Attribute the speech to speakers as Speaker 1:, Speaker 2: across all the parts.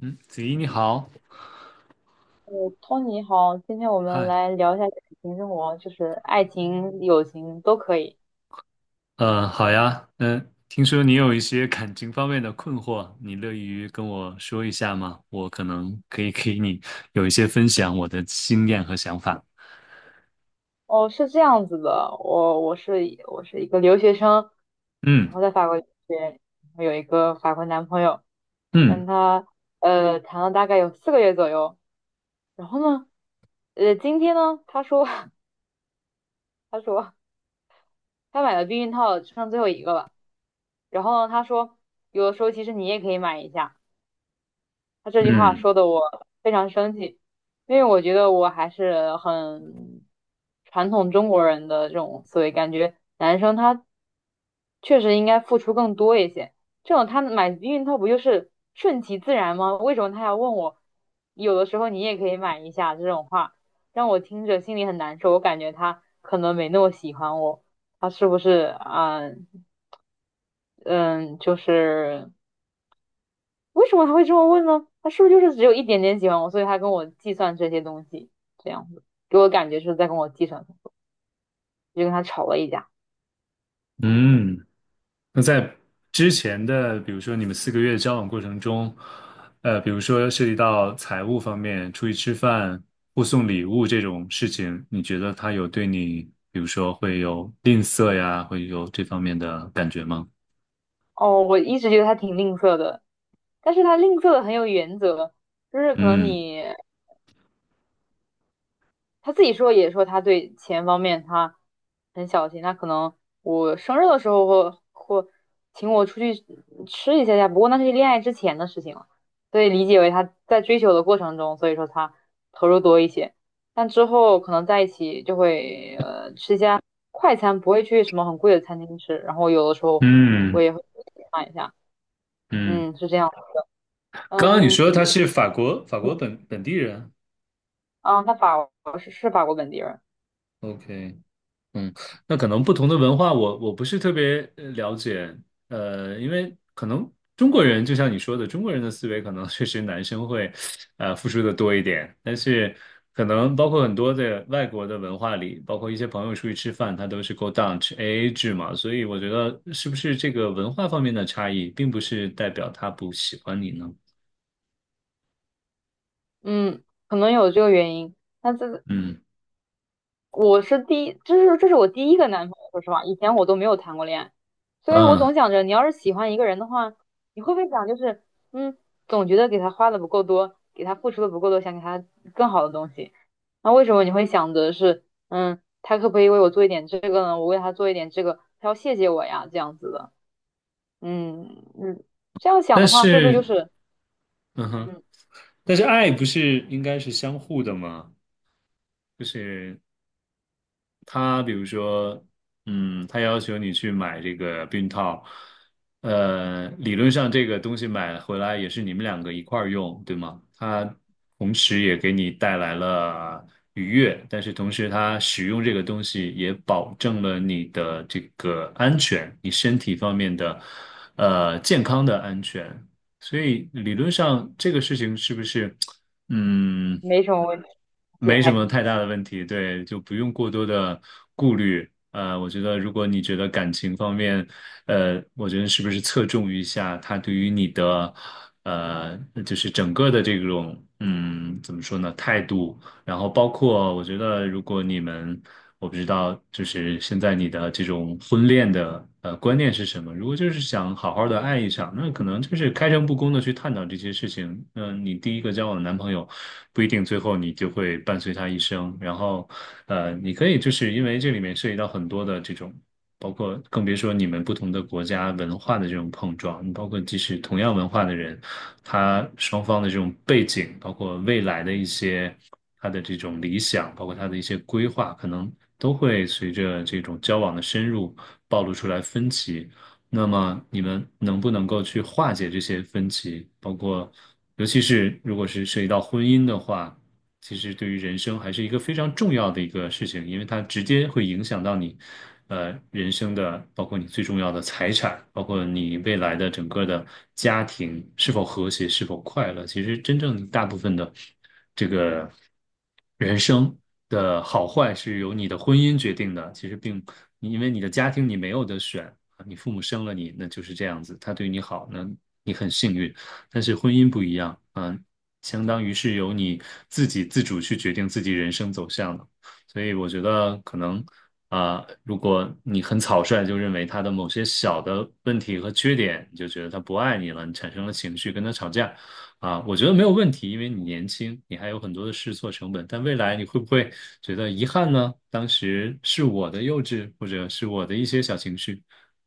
Speaker 1: 嗯，子怡你好。
Speaker 2: 我托尼好，今天我们
Speaker 1: 嗨。
Speaker 2: 来聊一下感情生活，就是爱情、友情都可以。
Speaker 1: 嗯，好呀。嗯，听说你有一些感情方面的困惑，你乐于跟我说一下吗？我可能可以给你有一些分享我的经验和想法。
Speaker 2: 哦，是这样子的，我是一个留学生，然
Speaker 1: 嗯
Speaker 2: 后在法国留学，然后有一个法国男朋友，
Speaker 1: 嗯
Speaker 2: 跟他谈了大概有四个月左右，然后呢，今天呢，他说 他说他买了避孕套，只剩最后一个了，然后呢，他说有的时候其实你也可以买一下。他这句话
Speaker 1: 嗯
Speaker 2: 说的我非常生气，因为我觉得我还是很传统中国人的这种思维，感觉男生他确实应该付出更多一些。这种他买避孕套不就是顺其自然吗？为什么他要问我？有的时候你也可以买一下这种话，让我听着心里很难受。我感觉他可能没那么喜欢我，他是不是啊？嗯，就是。为什么他会这么问呢？他是不是就是只有一点点喜欢我，所以他跟我计算这些东西，这样子给我感觉是在跟我计算，就跟他吵了一架。
Speaker 1: 嗯。那在之前的，比如说你们4个月的交往过程中，比如说涉及到财务方面，出去吃饭、互送礼物这种事情，你觉得他有对你，比如说会有吝啬呀，会有这方面的感觉吗？
Speaker 2: 哦，我一直觉得他挺吝啬的，但是他吝啬的很有原则，就是可能
Speaker 1: 嗯
Speaker 2: 你他自己说也说他对钱方面他很小心，他可能我生日的时候会请我出去吃一下下，不过那是恋爱之前的事情了，所以理解为他在追求的过程中，所以说他投入多一些，但之后可能在一起就会吃一下快餐，不会去什么很贵的餐厅吃，然后有的时候我
Speaker 1: 嗯
Speaker 2: 也会看一下，
Speaker 1: 嗯。
Speaker 2: 嗯，是这样的，
Speaker 1: 刚刚你
Speaker 2: 嗯，
Speaker 1: 说
Speaker 2: 平
Speaker 1: 他是法国本地人
Speaker 2: 啊，他法国是法国本地人，
Speaker 1: ，OK。嗯，那可能不同的文化我不是特别了解。因为可能中国人就像你说的，中国人的思维可能 确实男生会，付出的多一点，但是可能包括很多的外国的文化里，包括一些朋友出去吃饭，他都是 go down 吃 AA 制嘛，所以我觉得是不是这个文化方面的差异，并不是代表他不喜欢你呢？
Speaker 2: 嗯，可能有这个原因。那这
Speaker 1: 嗯
Speaker 2: 我是第一，这是我第一个男朋友，说实话，以前我都没有谈过恋爱，所以我
Speaker 1: 嗯。
Speaker 2: 总想着，你要是喜欢一个人的话，你会不会想就是，嗯，总觉得给他花的不够多，给他付出的不够多，想给他更好的东西。那为什么你会想着是，嗯，他可不可以为我做一点这个呢？我为他做一点这个，他要谢谢我呀，这样子的。嗯嗯，这样想
Speaker 1: 但
Speaker 2: 的话，会不会就
Speaker 1: 是
Speaker 2: 是，
Speaker 1: 嗯哼。
Speaker 2: 嗯，
Speaker 1: 但是爱不是应该是相互的吗？就是他比如说，他要求你去买这个避孕套，理论上这个东西买回来也是你们两个一块儿用，对吗？它同时也给你带来了愉悦，但是同时它使用这个东西也保证了你的这个安全，你身体方面的，健康的安全。所以理论上这个事情是不是，嗯，
Speaker 2: 没什么问题
Speaker 1: 没什
Speaker 2: 来？
Speaker 1: 么太大的问题。对，就不用过多的顾虑。我觉得如果你觉得感情方面，我觉得是不是侧重一下他对于你的，呃，就是整个的这种，怎么说呢，态度。然后包括我觉得，如果你们，我不知道，就是现在你的这种婚恋的观念是什么？如果就是想好好的爱一场，那可能就是开诚布公的去探讨这些事情。嗯、你第一个交往的男朋友不一定最后你就会伴随他一生。然后你可以就是因为这里面涉及到很多的这种。包括更别说你们不同的国家文化的这种碰撞，包括即使同样文化的人，他双方的这种背景，包括未来的一些他的这种理想，包括他的一些规划，可能都会随着这种交往的深入暴露出来分歧。那么你们能不能够去化解这些分歧？包括尤其是如果是涉及到婚姻的话。其实对于人生还是一个非常重要的一个事情，因为它直接会影响到你，人生的，包括你最重要的财产，包括你未来的整个的家庭是否和谐，是否快乐。其实真正大部分的这个。人生的好坏是由你的婚姻决定的，其实并你因为你的家庭你没有得选，你父母生了你，那就是这样子，他对你好，那你很幸运。但是婚姻不一样，相当于是由你自己自主去决定自己人生走向的。所以我觉得可能如果你很草率就认为他的某些小的问题和缺点，你就觉得他不爱你了，你产生了情绪跟他吵架，啊，我觉得没有问题，因为你年轻，你还有很多的试错成本。但未来你会不会觉得遗憾呢？当时是我的幼稚，或者是我的一些小情绪，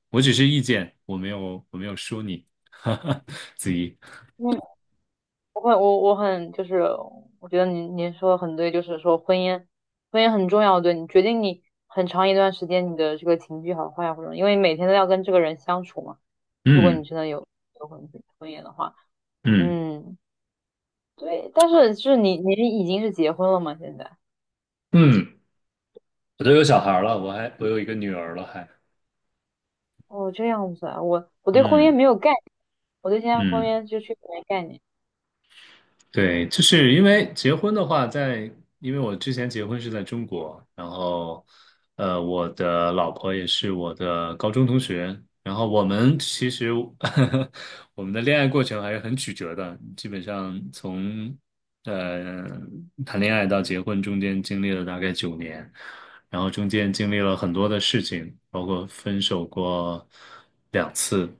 Speaker 1: 我只是意见，我没有说你，哈哈，子怡。
Speaker 2: 嗯我很我很就是，我觉得您说的很对，就是说婚姻，婚姻很重要，对你决定你很长一段时间你的这个情绪好坏呀，或者因为每天都要跟这个人相处嘛。如果你
Speaker 1: 嗯
Speaker 2: 真的有有婚婚姻的话，
Speaker 1: 嗯
Speaker 2: 嗯，对。但是就是你已经是结婚了吗？现在？
Speaker 1: 嗯，我都有小孩了，我还我有一个女儿了还。
Speaker 2: 哦，这样子啊，我对婚姻
Speaker 1: 嗯
Speaker 2: 没有概念，我对现在婚
Speaker 1: 嗯。
Speaker 2: 姻就确实没概念。
Speaker 1: 对，就是因为结婚的话在，因为我之前结婚是在中国，然后我的老婆也是我的高中同学，然后我们其实 我们的恋爱过程还是很曲折的，基本上从呃谈恋爱到结婚中间经历了大概9年，然后中间经历了很多的事情，包括分手过2次。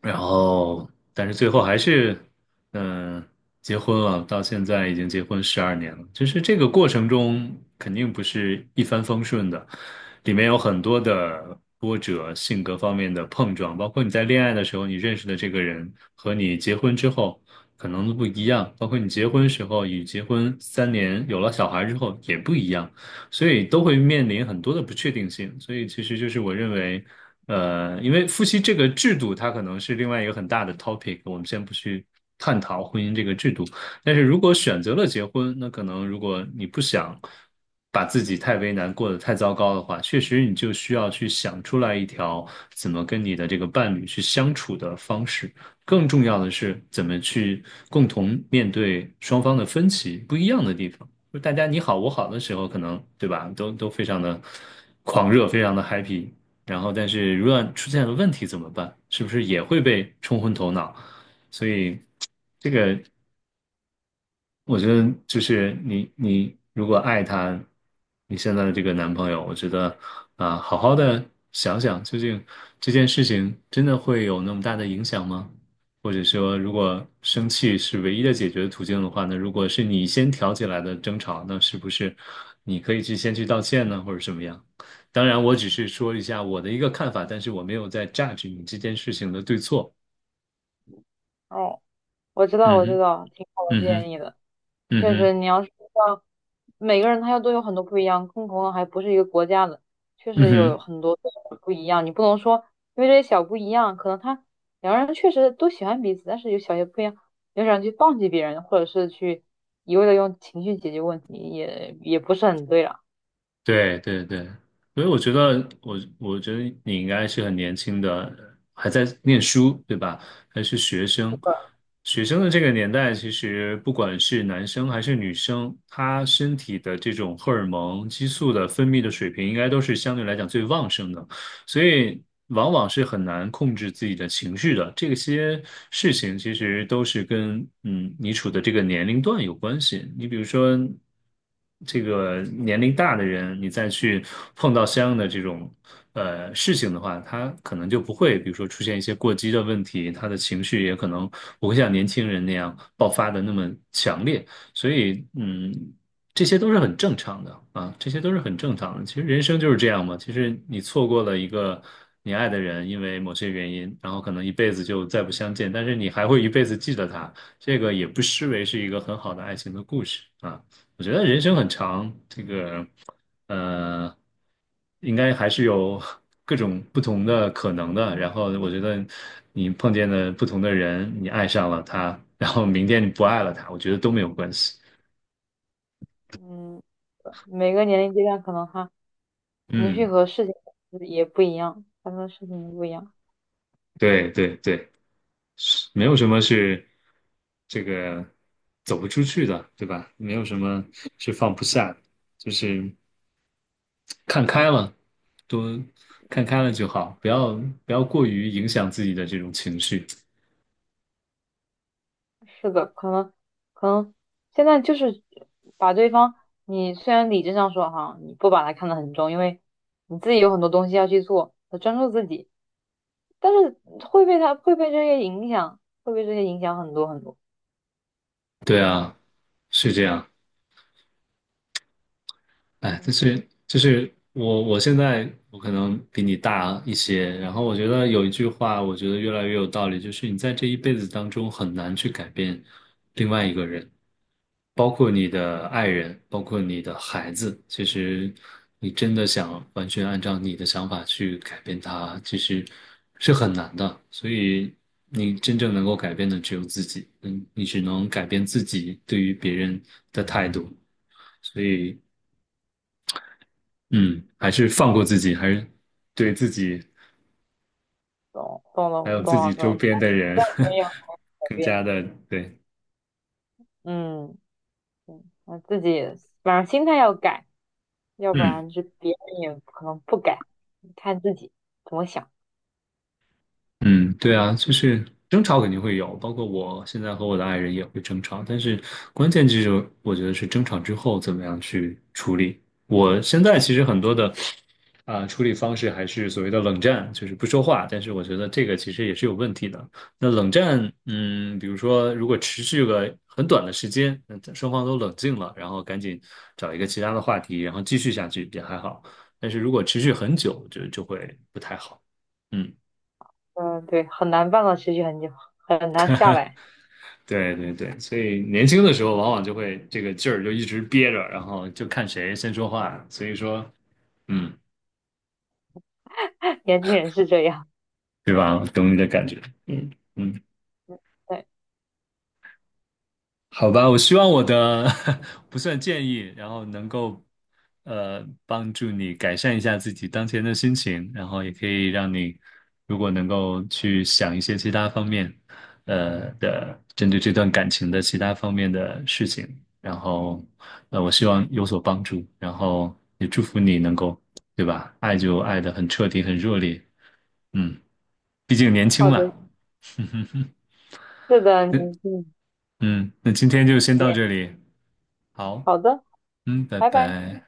Speaker 1: 然后，但是最后还是，嗯、呃结婚了，到现在已经结婚12年了。就是这个过程中，肯定不是一帆风顺的，里面有很多的波折，性格方面的碰撞，包括你在恋爱的时候，你认识的这个人和你结婚之后可能都不一样，包括你结婚时候与结婚3年有了小孩之后也不一样。所以都会面临很多的不确定性。所以其实就是我认为，因为夫妻这个制度，它可能是另外一个很大的 topic，我们先不去探讨婚姻这个制度。但是如果选择了结婚，那可能如果你不想把自己太为难，过得太糟糕的话，确实你就需要去想出来一条怎么跟你的这个伴侣去相处的方式。更重要的是，怎么去共同面对双方的分歧、不一样的地方。就大家你好我好的时候，可能对吧，都非常的狂热，非常的 happy。然后，但是如果出现了问题怎么办？是不是也会被冲昏头脑？所以这个我觉得就是你如果爱他，你现在的这个男朋友，我觉得啊，好好的想想，究竟这件事情真的会有那么大的影响吗？或者说，如果生气是唯一的解决途径的话，那如果是你先挑起来的争吵，那是不是你可以去先去道歉呢，或者什么样？当然，我只是说一下我的一个看法，但是我没有在 judge 你这件事情的对错。
Speaker 2: 哦，我知道
Speaker 1: 嗯
Speaker 2: 我知
Speaker 1: 哼，
Speaker 2: 道，挺好的
Speaker 1: 嗯哼，
Speaker 2: 建议的。
Speaker 1: 嗯
Speaker 2: 确
Speaker 1: 哼，
Speaker 2: 实，你要是道每个人他要都有很多不一样，更何况还不是一个国家的，确
Speaker 1: 嗯
Speaker 2: 实有
Speaker 1: 哼。
Speaker 2: 很多不一样。你不能说因为这些小不一样，可能他两个人确实都喜欢彼此，但是有小些不一样，你就想去放弃别人，或者是去一味的用情绪解决问题，也不是很对了。
Speaker 1: 对对对，所以我觉得你应该是很年轻的，还在念书，对吧？还是学
Speaker 2: 是
Speaker 1: 生。
Speaker 2: 的，
Speaker 1: 学生的这个年代，其实不管是男生还是女生，他身体的这种荷尔蒙激素的分泌的水平，应该都是相对来讲最旺盛的。所以往往是很难控制自己的情绪的。这些事情其实都是跟你处的这个年龄段有关系。你比如说，这个年龄大的人，你再去碰到相应的这种事情的话，他可能就不会，比如说出现一些过激的问题，他的情绪也可能不会像年轻人那样爆发的那么强烈。所以，嗯。这些都是很正常的啊，这些都是很正常的。其实人生就是这样嘛。其实你错过了一个你爱的人，因为某些原因，然后可能一辈子就再不相见，但是你还会一辈子记得他，这个也不失为是一个很好的爱情的故事啊。我觉得人生很长，呃，应该还是有 各种不同的可能的。然后我觉得你碰见了不同的人，你爱上了他，然后明天你不爱了他，我觉得都没有关系。
Speaker 2: 嗯，每个年龄阶段可能他情绪
Speaker 1: 嗯。
Speaker 2: 和事情也不一样，发生的事情也不一样。
Speaker 1: 对对对，是没有什么是这个走不出去的，对吧？没有什么是放不下的，就是看开了，多看开了就好，不要过于影响自己的这种情绪。
Speaker 2: 是的，可能现在就是把对方，你虽然理智上说哈，你不把他看得很重，因为你自己有很多东西要去做，要专注自己，但是会被这些影响，会被这些影响很多很多。
Speaker 1: 对
Speaker 2: 嗯，
Speaker 1: 啊，是这样。哎，就是我现在可能比你大一些，然后我觉得有一句话，我觉得越来越有道理，就是你在这一辈子当中很难去改变另外一个人，包括你的爱人，包括你的孩子。其实你真的想完全按照你的想法去改变他，其实是很难的。所以你真正能够改变的只有自己，你只能改变自己对于别人的态度。所以嗯，还是放过自己，还是对自己还有自己周
Speaker 2: 懂了，
Speaker 1: 边的人
Speaker 2: 这里也要 改
Speaker 1: 更加
Speaker 2: 变。
Speaker 1: 的对。
Speaker 2: 嗯嗯，那自己反正心态要改，要不
Speaker 1: 嗯。
Speaker 2: 然就别人也可能不改，看自己怎么想。
Speaker 1: 嗯，对啊，就是争吵肯定会有，包括我现在和我的爱人也会争吵，但是关键就是我觉得是争吵之后怎么样去处理。我现在其实很多的处理方式还是所谓的冷战，就是不说话，但是我觉得这个其实也是有问题的。那冷战，比如说如果持续个很短的时间，那双方都冷静了，然后赶紧找一个其他的话题，然后继续下去也还好，但是如果持续很久，就会不太好。嗯。
Speaker 2: 嗯，对，很难办到持续很久，很难下来。
Speaker 1: 对对对，所以年轻的时候往往就会这个劲儿就一直憋着，然后就看谁先说话。所以说，嗯，
Speaker 2: 年轻人是这样。
Speaker 1: 对吧？懂你的感觉。嗯嗯。
Speaker 2: 对，
Speaker 1: 好吧，我希望我的 不算建议，然后能够帮助你改善一下自己当前的心情，然后也可以让你如果能够去想一些其他方面，的针对这段感情的其他方面的事情，然后我希望有所帮助，然后也祝福你能够，对吧？爱就爱的很彻底，很热烈，嗯，毕竟年轻
Speaker 2: 好
Speaker 1: 嘛，
Speaker 2: 的，
Speaker 1: 嗯哼哼。
Speaker 2: 是的，
Speaker 1: 那
Speaker 2: 年轻
Speaker 1: 嗯，那今天就先
Speaker 2: 人，
Speaker 1: 到这里。好，
Speaker 2: 好的，
Speaker 1: 嗯，拜
Speaker 2: 拜拜。
Speaker 1: 拜。